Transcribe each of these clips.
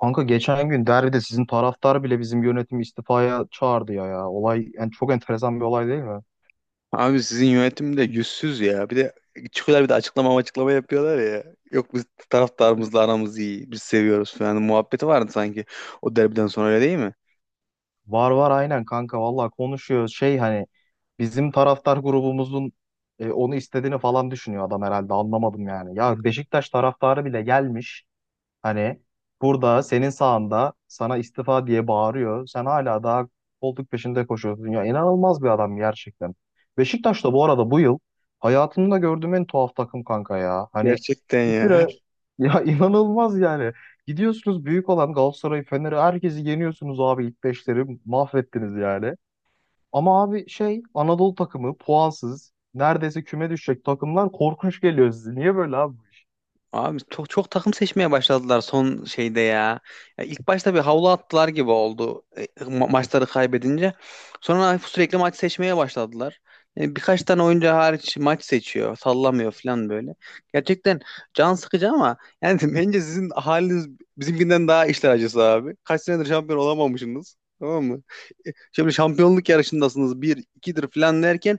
Kanka geçen gün derbide sizin taraftar bile bizim yönetimi istifaya çağırdı ya. Olay yani çok enteresan bir olay değil mi? Abi sizin yönetim de yüzsüz ya. Bir de çıkıyorlar bir de açıklama açıklama yapıyorlar ya. Yok biz taraftarımızla aramız iyi. Biz seviyoruz falan. Muhabbeti vardı sanki o derbiden sonra öyle değil mi? Var var aynen kanka vallahi konuşuyor şey hani bizim taraftar grubumuzun onu istediğini falan düşünüyor adam herhalde anlamadım yani. Ya Beşiktaş taraftarı bile gelmiş hani burada senin sağında sana istifa diye bağırıyor. Sen hala daha koltuk peşinde koşuyorsun. Ya inanılmaz bir adam gerçekten. Beşiktaş da bu arada bu yıl hayatımda gördüğüm en tuhaf takım kanka ya. Hani Gerçekten bir ya. kere ya inanılmaz yani. Gidiyorsunuz büyük olan Galatasaray'ı, Fener'i herkesi yeniyorsunuz abi ilk beşleri mahvettiniz yani. Ama abi şey Anadolu takımı puansız neredeyse küme düşecek takımlar korkunç geliyor size. Niye böyle abi? Abi çok çok takım seçmeye başladılar son şeyde ya. Ya ilk başta bir havlu attılar gibi oldu maçları kaybedince. Sonra sürekli maç seçmeye başladılar. Yani birkaç tane oyuncu hariç maç seçiyor, sallamıyor falan böyle. Gerçekten can sıkıcı ama yani bence sizin haliniz bizimkinden daha işler acısı abi. Kaç senedir şampiyon olamamışsınız. Tamam mı? Şimdi şampiyonluk yarışındasınız. Bir, ikidir falan derken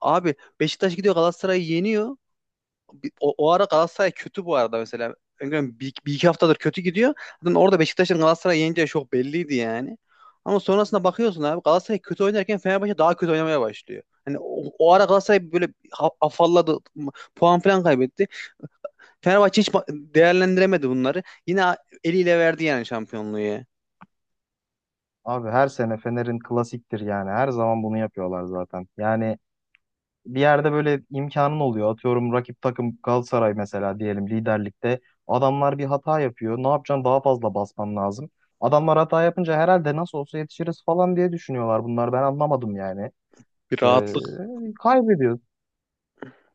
abi Beşiktaş gidiyor Galatasaray'ı yeniyor, o ara Galatasaray kötü bu arada mesela. Öngörüm bir iki haftadır kötü gidiyor. Zaten orada Beşiktaş'ın Galatasaray'ı yeneceği çok belliydi yani. Ama sonrasında bakıyorsun abi Galatasaray kötü oynarken Fenerbahçe daha kötü oynamaya başlıyor. Yani o ara Galatasaray böyle afalladı, puan falan kaybetti. Fenerbahçe hiç değerlendiremedi bunları. Yine eliyle verdi yani şampiyonluğu ya. Abi her sene Fener'in klasiktir yani. Her zaman bunu yapıyorlar zaten. Yani bir yerde böyle imkanın oluyor. Atıyorum rakip takım Galatasaray mesela diyelim liderlikte. Adamlar bir hata yapıyor. Ne yapacaksın? Daha fazla basman lazım. Adamlar hata yapınca herhalde nasıl olsa yetişiriz falan diye düşünüyorlar bunlar. Ben anlamadım yani. Bir Ee, rahatlık. kaybediyoruz.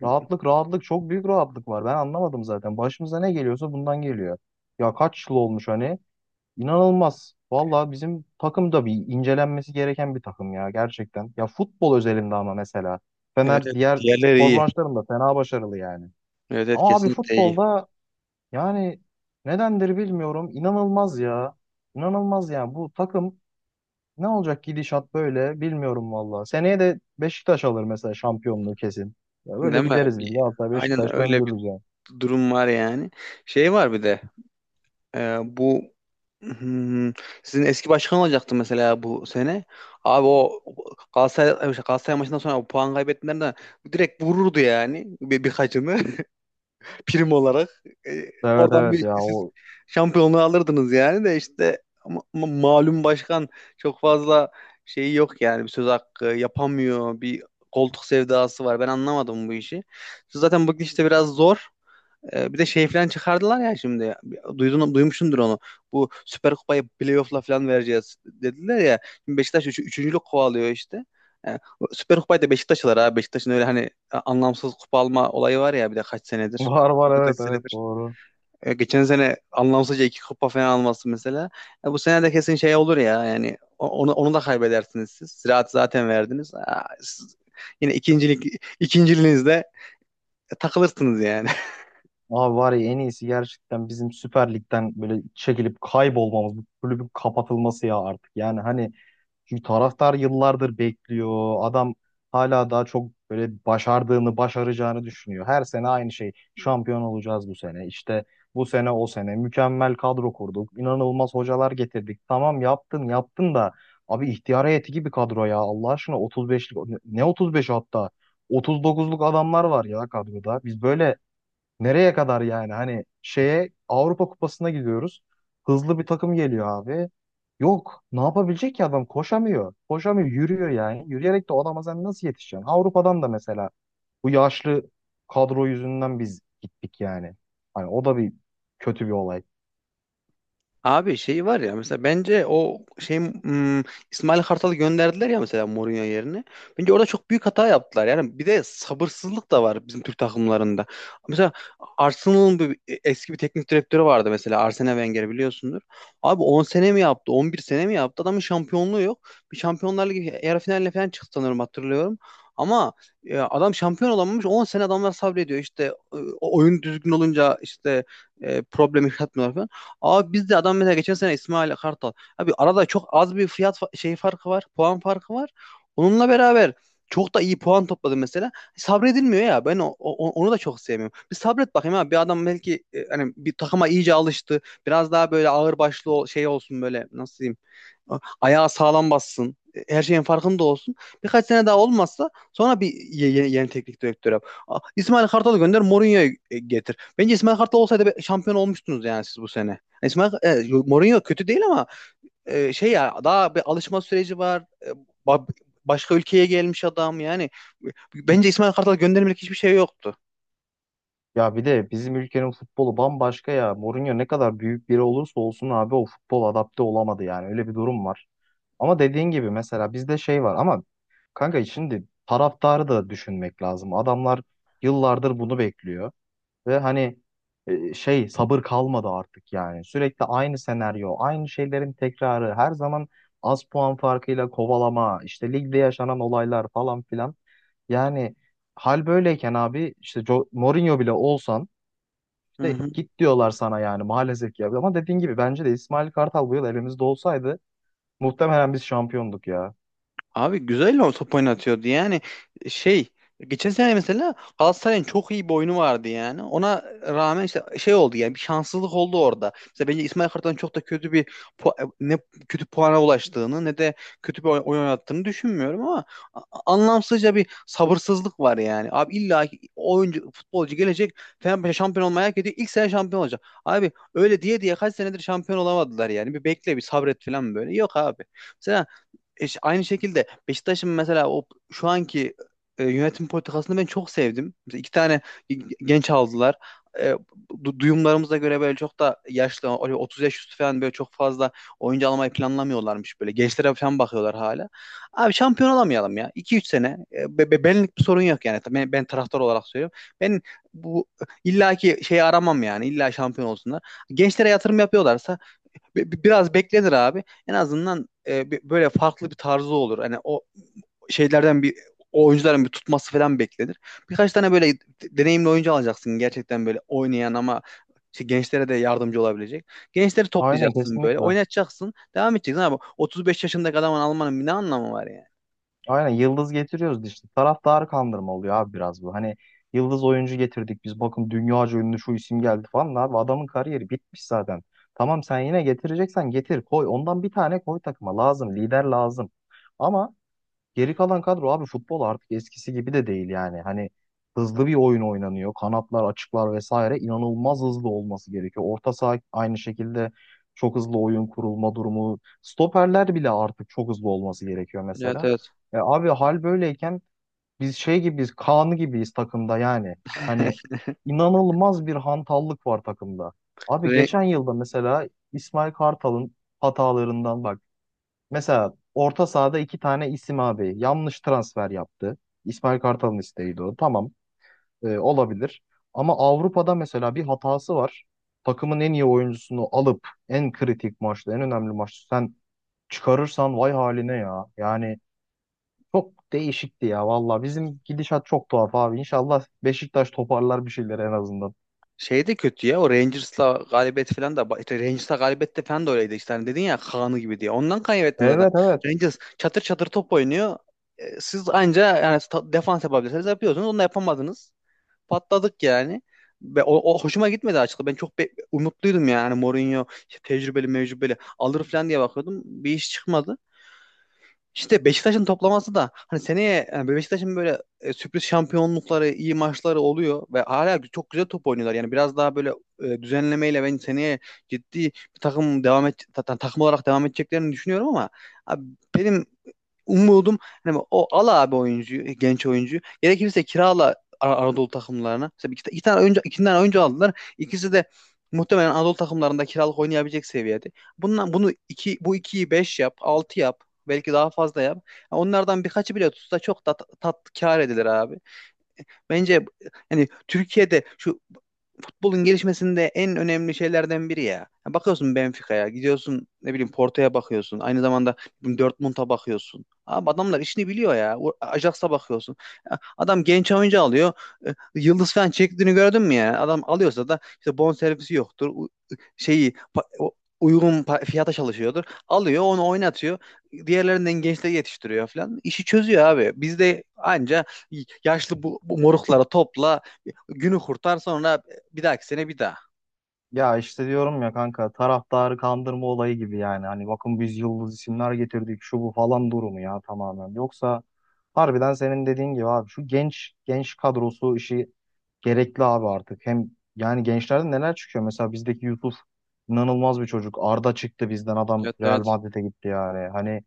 Rahatlık, çok büyük rahatlık var. Ben anlamadım zaten. Başımıza ne geliyorsa bundan geliyor. Ya kaç yıl olmuş hani? İnanılmaz. Valla bizim takım da bir incelenmesi gereken bir takım ya gerçekten. Ya futbol özelinde ama mesela. Evet, Fener evet, diğer diğerleri spor iyi. branşlarında fena başarılı yani. Evet, evet, Ama abi kesinlikle iyi. futbolda yani nedendir bilmiyorum. İnanılmaz ya. İnanılmaz yani bu takım ne olacak gidişat böyle bilmiyorum valla. Seneye de Beşiktaş alır mesela şampiyonluğu kesin. Ya böyle Değil mi? gideriz biz. Hatta Aynen Beşiktaş öyle bir döndürürüz yani. durum var yani. Şey var bir de. Bu, Hmm, sizin eski başkan olacaktı mesela bu sene. Abi o Galatasaray maçından sonra o puan kaybettiğinden direkt vururdu yani birkaçını prim olarak. Evet Oradan evet bir ya siz o şampiyonluğu alırdınız yani de işte malum başkan çok fazla şeyi yok yani bir söz hakkı yapamıyor bir koltuk sevdası var. Ben anlamadım bu işi. Zaten bu işte biraz zor. Bir de şey falan çıkardılar ya şimdi. Duymuşsundur onu. Bu Süper Kupayı playoff'la falan vereceğiz dediler ya. Şimdi Beşiktaş üçüncülük kovalıyor işte. Ee, Süper Kupayı da Beşiktaş alır abi. Beşiktaş'ın öyle hani anlamsız kupa alma olayı var ya bir de kaç senedir. var var Bu da kaç evet evet senedir. doğru. Geçen sene anlamsızca iki kupa falan alması mesela. Bu sene de kesin şey olur ya yani onu da kaybedersiniz siz. Ziraat zaten verdiniz. Siz yine ikinciliğinizde takılırsınız yani. Abi var ya en iyisi gerçekten bizim Süper Lig'den böyle çekilip kaybolmamız, bu kulübün kapatılması ya artık. Yani hani çünkü taraftar yıllardır bekliyor. Adam hala daha çok böyle başardığını, başaracağını düşünüyor. Her sene aynı şey. Şampiyon olacağız bu sene. İşte bu sene o sene mükemmel kadro kurduk. İnanılmaz hocalar getirdik. Tamam yaptın, yaptın da abi ihtiyar heyeti gibi kadro ya. Allah aşkına 35'lik ne 35 hatta 39'luk adamlar var ya kadroda. Biz böyle nereye kadar yani? Hani şeye Avrupa Kupası'na gidiyoruz. Hızlı bir takım geliyor abi. Yok. Ne yapabilecek ki adam? Koşamıyor. Koşamıyor. Yürüyor yani. Yürüyerek de o adama sen nasıl yetişeceksin? Avrupa'dan da mesela bu yaşlı kadro yüzünden biz gittik yani. Hani o da bir kötü bir olay. Abi şey var ya mesela bence o şey İsmail Kartal'ı gönderdiler ya mesela Mourinho yerine. Bence orada çok büyük hata yaptılar. Yani bir de sabırsızlık da var bizim Türk takımlarında. Mesela Arsenal'ın eski bir teknik direktörü vardı mesela Arsene Wenger biliyorsundur. Abi 10 sene mi yaptı? 11 sene mi yaptı? Adamın şampiyonluğu yok. Bir Şampiyonlar Ligi yarı finaline falan çıktı sanırım hatırlıyorum. Ama adam şampiyon olamamış 10 sene adamlar sabrediyor. İşte oyun düzgün olunca işte problem yaratmıyorlar falan. Abi biz de adam mesela geçen sene İsmail Kartal. Abi arada çok az bir fiyat şey farkı var. Puan farkı var. Onunla beraber çok da iyi puan topladı mesela. Sabredilmiyor ya. Ben onu da çok sevmiyorum. Bir sabret bakayım abi. Bir adam belki hani bir takıma iyice alıştı. Biraz daha böyle ağır başlı şey olsun böyle nasıl diyeyim ayağı sağlam bassın. Her şeyin farkında olsun. Birkaç sene daha olmazsa sonra bir yeni teknik direktör yap. İsmail Kartal'ı gönder, Mourinho'yu getir. Bence İsmail Kartal olsaydı şampiyon olmuştunuz yani siz bu sene. Mourinho kötü değil ama şey ya daha bir alışma süreci var. Ba- Başka ülkeye gelmiş adam yani. Bence İsmail Kartal göndermelik hiçbir şey yoktu. Ya bir de bizim ülkenin futbolu bambaşka ya. Mourinho ne kadar büyük biri olursa olsun abi o futbol adapte olamadı yani. Öyle bir durum var. Ama dediğin gibi mesela bizde şey var ama kanka şimdi taraftarı da düşünmek lazım. Adamlar yıllardır bunu bekliyor ve hani şey sabır kalmadı artık yani. Sürekli aynı senaryo, aynı şeylerin tekrarı, her zaman az puan farkıyla kovalama, işte ligde yaşanan olaylar falan filan. Yani hal böyleyken abi işte Mourinho bile olsan Hı işte hı. git diyorlar sana yani maalesef ki. Ama dediğin gibi bence de İsmail Kartal bu yıl elimizde olsaydı muhtemelen biz şampiyonduk ya. Abi güzel o top oynatıyordu yani şey geçen sene mesela Galatasaray'ın çok iyi bir oyunu vardı yani ona rağmen işte şey oldu yani bir şanssızlık oldu orada. Mesela bence İsmail Kartal'ın çok da kötü bir ne kötü puana ulaştığını ne de kötü bir oyun oynattığını düşünmüyorum ama a- anlamsızca bir sabırsızlık var yani. Abi illa ki oyuncu futbolcu gelecek Fenerbahçe şampiyon olmaya hak ediyor ilk sene şampiyon olacak. Abi öyle diye diye kaç senedir şampiyon olamadılar yani bir bekle bir sabret falan böyle yok abi. Mesela aynı şekilde Beşiktaş'ın mesela o şu anki yönetim politikasını ben çok sevdim. Mesela iki tane genç aldılar. E, Duyumlarımıza göre böyle çok da yaşlı, öyle 30 yaş üstü falan böyle çok fazla oyuncu almayı planlamıyorlarmış böyle. Gençlere falan bakıyorlar hala. Abi şampiyon olamayalım ya. 2 3 sene. Benlik bir sorun yok yani. Ben taraftar olarak söylüyorum. Ben bu illaki şeyi aramam yani. İlla şampiyon olsunlar. Gençlere yatırım yapıyorlarsa biraz beklenir abi. En azından böyle farklı bir tarzı olur. Hani o şeylerden bir o oyuncuların bir tutması falan beklenir. Birkaç tane böyle deneyimli oyuncu alacaksın gerçekten böyle oynayan ama işte gençlere de yardımcı olabilecek. Gençleri Aynen toplayacaksın böyle, kesinlikle. oynatacaksın, devam edeceksin abi. 35 yaşındaki adamın almanın bir ne anlamı var yani? Aynen yıldız getiriyoruz işte. Taraftarı kandırma oluyor abi biraz bu. Hani yıldız oyuncu getirdik biz bakın dünyaca ünlü şu isim geldi falan. Abi adamın kariyeri bitmiş zaten. Tamam sen yine getireceksen getir koy. Ondan bir tane koy takıma lazım. Lider lazım. Ama geri kalan kadro abi futbol artık eskisi gibi de değil yani. Hani hızlı bir oyun oynanıyor. Kanatlar, açıklar vesaire inanılmaz hızlı olması gerekiyor. Orta saha aynı şekilde çok hızlı oyun kurulma durumu. Stoperler bile artık çok hızlı olması gerekiyor Evet mesela. evet. E abi hal böyleyken biz şey gibiyiz, Kaan gibiyiz takımda yani. Hani inanılmaz bir hantallık var takımda. Abi Re- geçen yılda mesela İsmail Kartal'ın hatalarından bak. Mesela orta sahada iki tane isim abi yanlış transfer yaptı. İsmail Kartal'ın isteğiydi o. Tamam olabilir. Ama Avrupa'da mesela bir hatası var. Takımın en iyi oyuncusunu alıp en kritik maçta, en önemli maçta sen çıkarırsan vay haline ya. Yani çok değişikti ya valla. Bizim gidişat çok tuhaf abi. İnşallah Beşiktaş toparlar bir şeyler en azından. Şey de kötü ya o Rangers'la galibiyet falan da işte Rangers'la galibiyet de falan da öyleydi işte hani dedin ya Kaan'ı gibi diye. Ondan kaybettin zaten. Evet evet. Rangers çatır çatır top oynuyor. Siz anca yani defans yapabilirsiniz yapıyorsunuz. Onu da yapamadınız. Patladık yani. Ve o hoşuma gitmedi açıkçası. Ben çok umutluydum yani Mourinho işte tecrübeli mecrübeli alır falan diye bakıyordum. Bir iş çıkmadı. İşte Beşiktaş'ın toplaması da hani seneye yani Beşiktaş'ın böyle sürpriz şampiyonlukları, iyi maçları oluyor ve hala çok güzel top oynuyorlar. Yani biraz daha böyle düzenlemeyle ben seneye ciddi bir takım devam et takım olarak devam edeceklerini düşünüyorum ama abi benim umudum hani o al abi oyuncuyu, genç oyuncuyu. Gerekirse kirala Anadolu takımlarına. Mesela iki tane oyuncu, aldılar. İkisi de muhtemelen Anadolu takımlarında kiralık oynayabilecek seviyede. Bundan bunu iki bu ikiyi 5 yap, 6 yap. Belki daha fazla yap. Ya onlardan birkaçı bile tutsa çok da tat, tat kâr edilir abi. Bence yani Türkiye'de şu futbolun gelişmesinde en önemli şeylerden biri ya. Ya bakıyorsun Benfica'ya, gidiyorsun ne bileyim Porto'ya bakıyorsun. Aynı zamanda Dortmund'a bakıyorsun. Abi adamlar işini biliyor ya. Ajax'a bakıyorsun. Ya adam genç oyuncu alıyor. Yıldız falan çektiğini gördün mü ya? Adam alıyorsa da işte bonservisi yoktur. Şeyi uygun fiyata çalışıyordur. Alıyor onu oynatıyor. Diğerlerinden gençleri yetiştiriyor falan. İşi çözüyor abi. Bizde anca yaşlı bu moruklara topla günü kurtar sonra bir dahaki sene bir daha. Ya işte diyorum ya kanka taraftarı kandırma olayı gibi yani. Hani bakın biz yıldız isimler getirdik şu bu falan durumu ya tamamen. Yoksa harbiden senin dediğin gibi abi şu genç kadrosu işi gerekli abi artık. Hem yani gençlerden neler çıkıyor? Mesela bizdeki Yusuf inanılmaz bir çocuk. Arda çıktı bizden adam Evet Real evet. Madrid'e gitti yani. Hani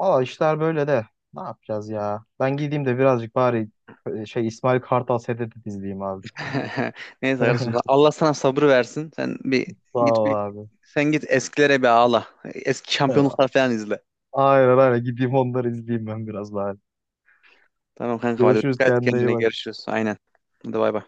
valla işler böyle de ne yapacağız ya? Ben gideyim de birazcık bari İsmail Kartal sedeti izleyeyim abi. Neyse kardeşim Allah sana sabrı versin. Sen bir Sağ git ol bir abi. sen git eskilere bir ağla. Eski şampiyonluklar falan izle. Aynen aynen. Gideyim onları izleyeyim ben biraz daha. Tamam kanka hadi Görüşürüz. dikkat et Kendine iyi kendine bak. görüşürüz. Aynen. Hadi bay bay.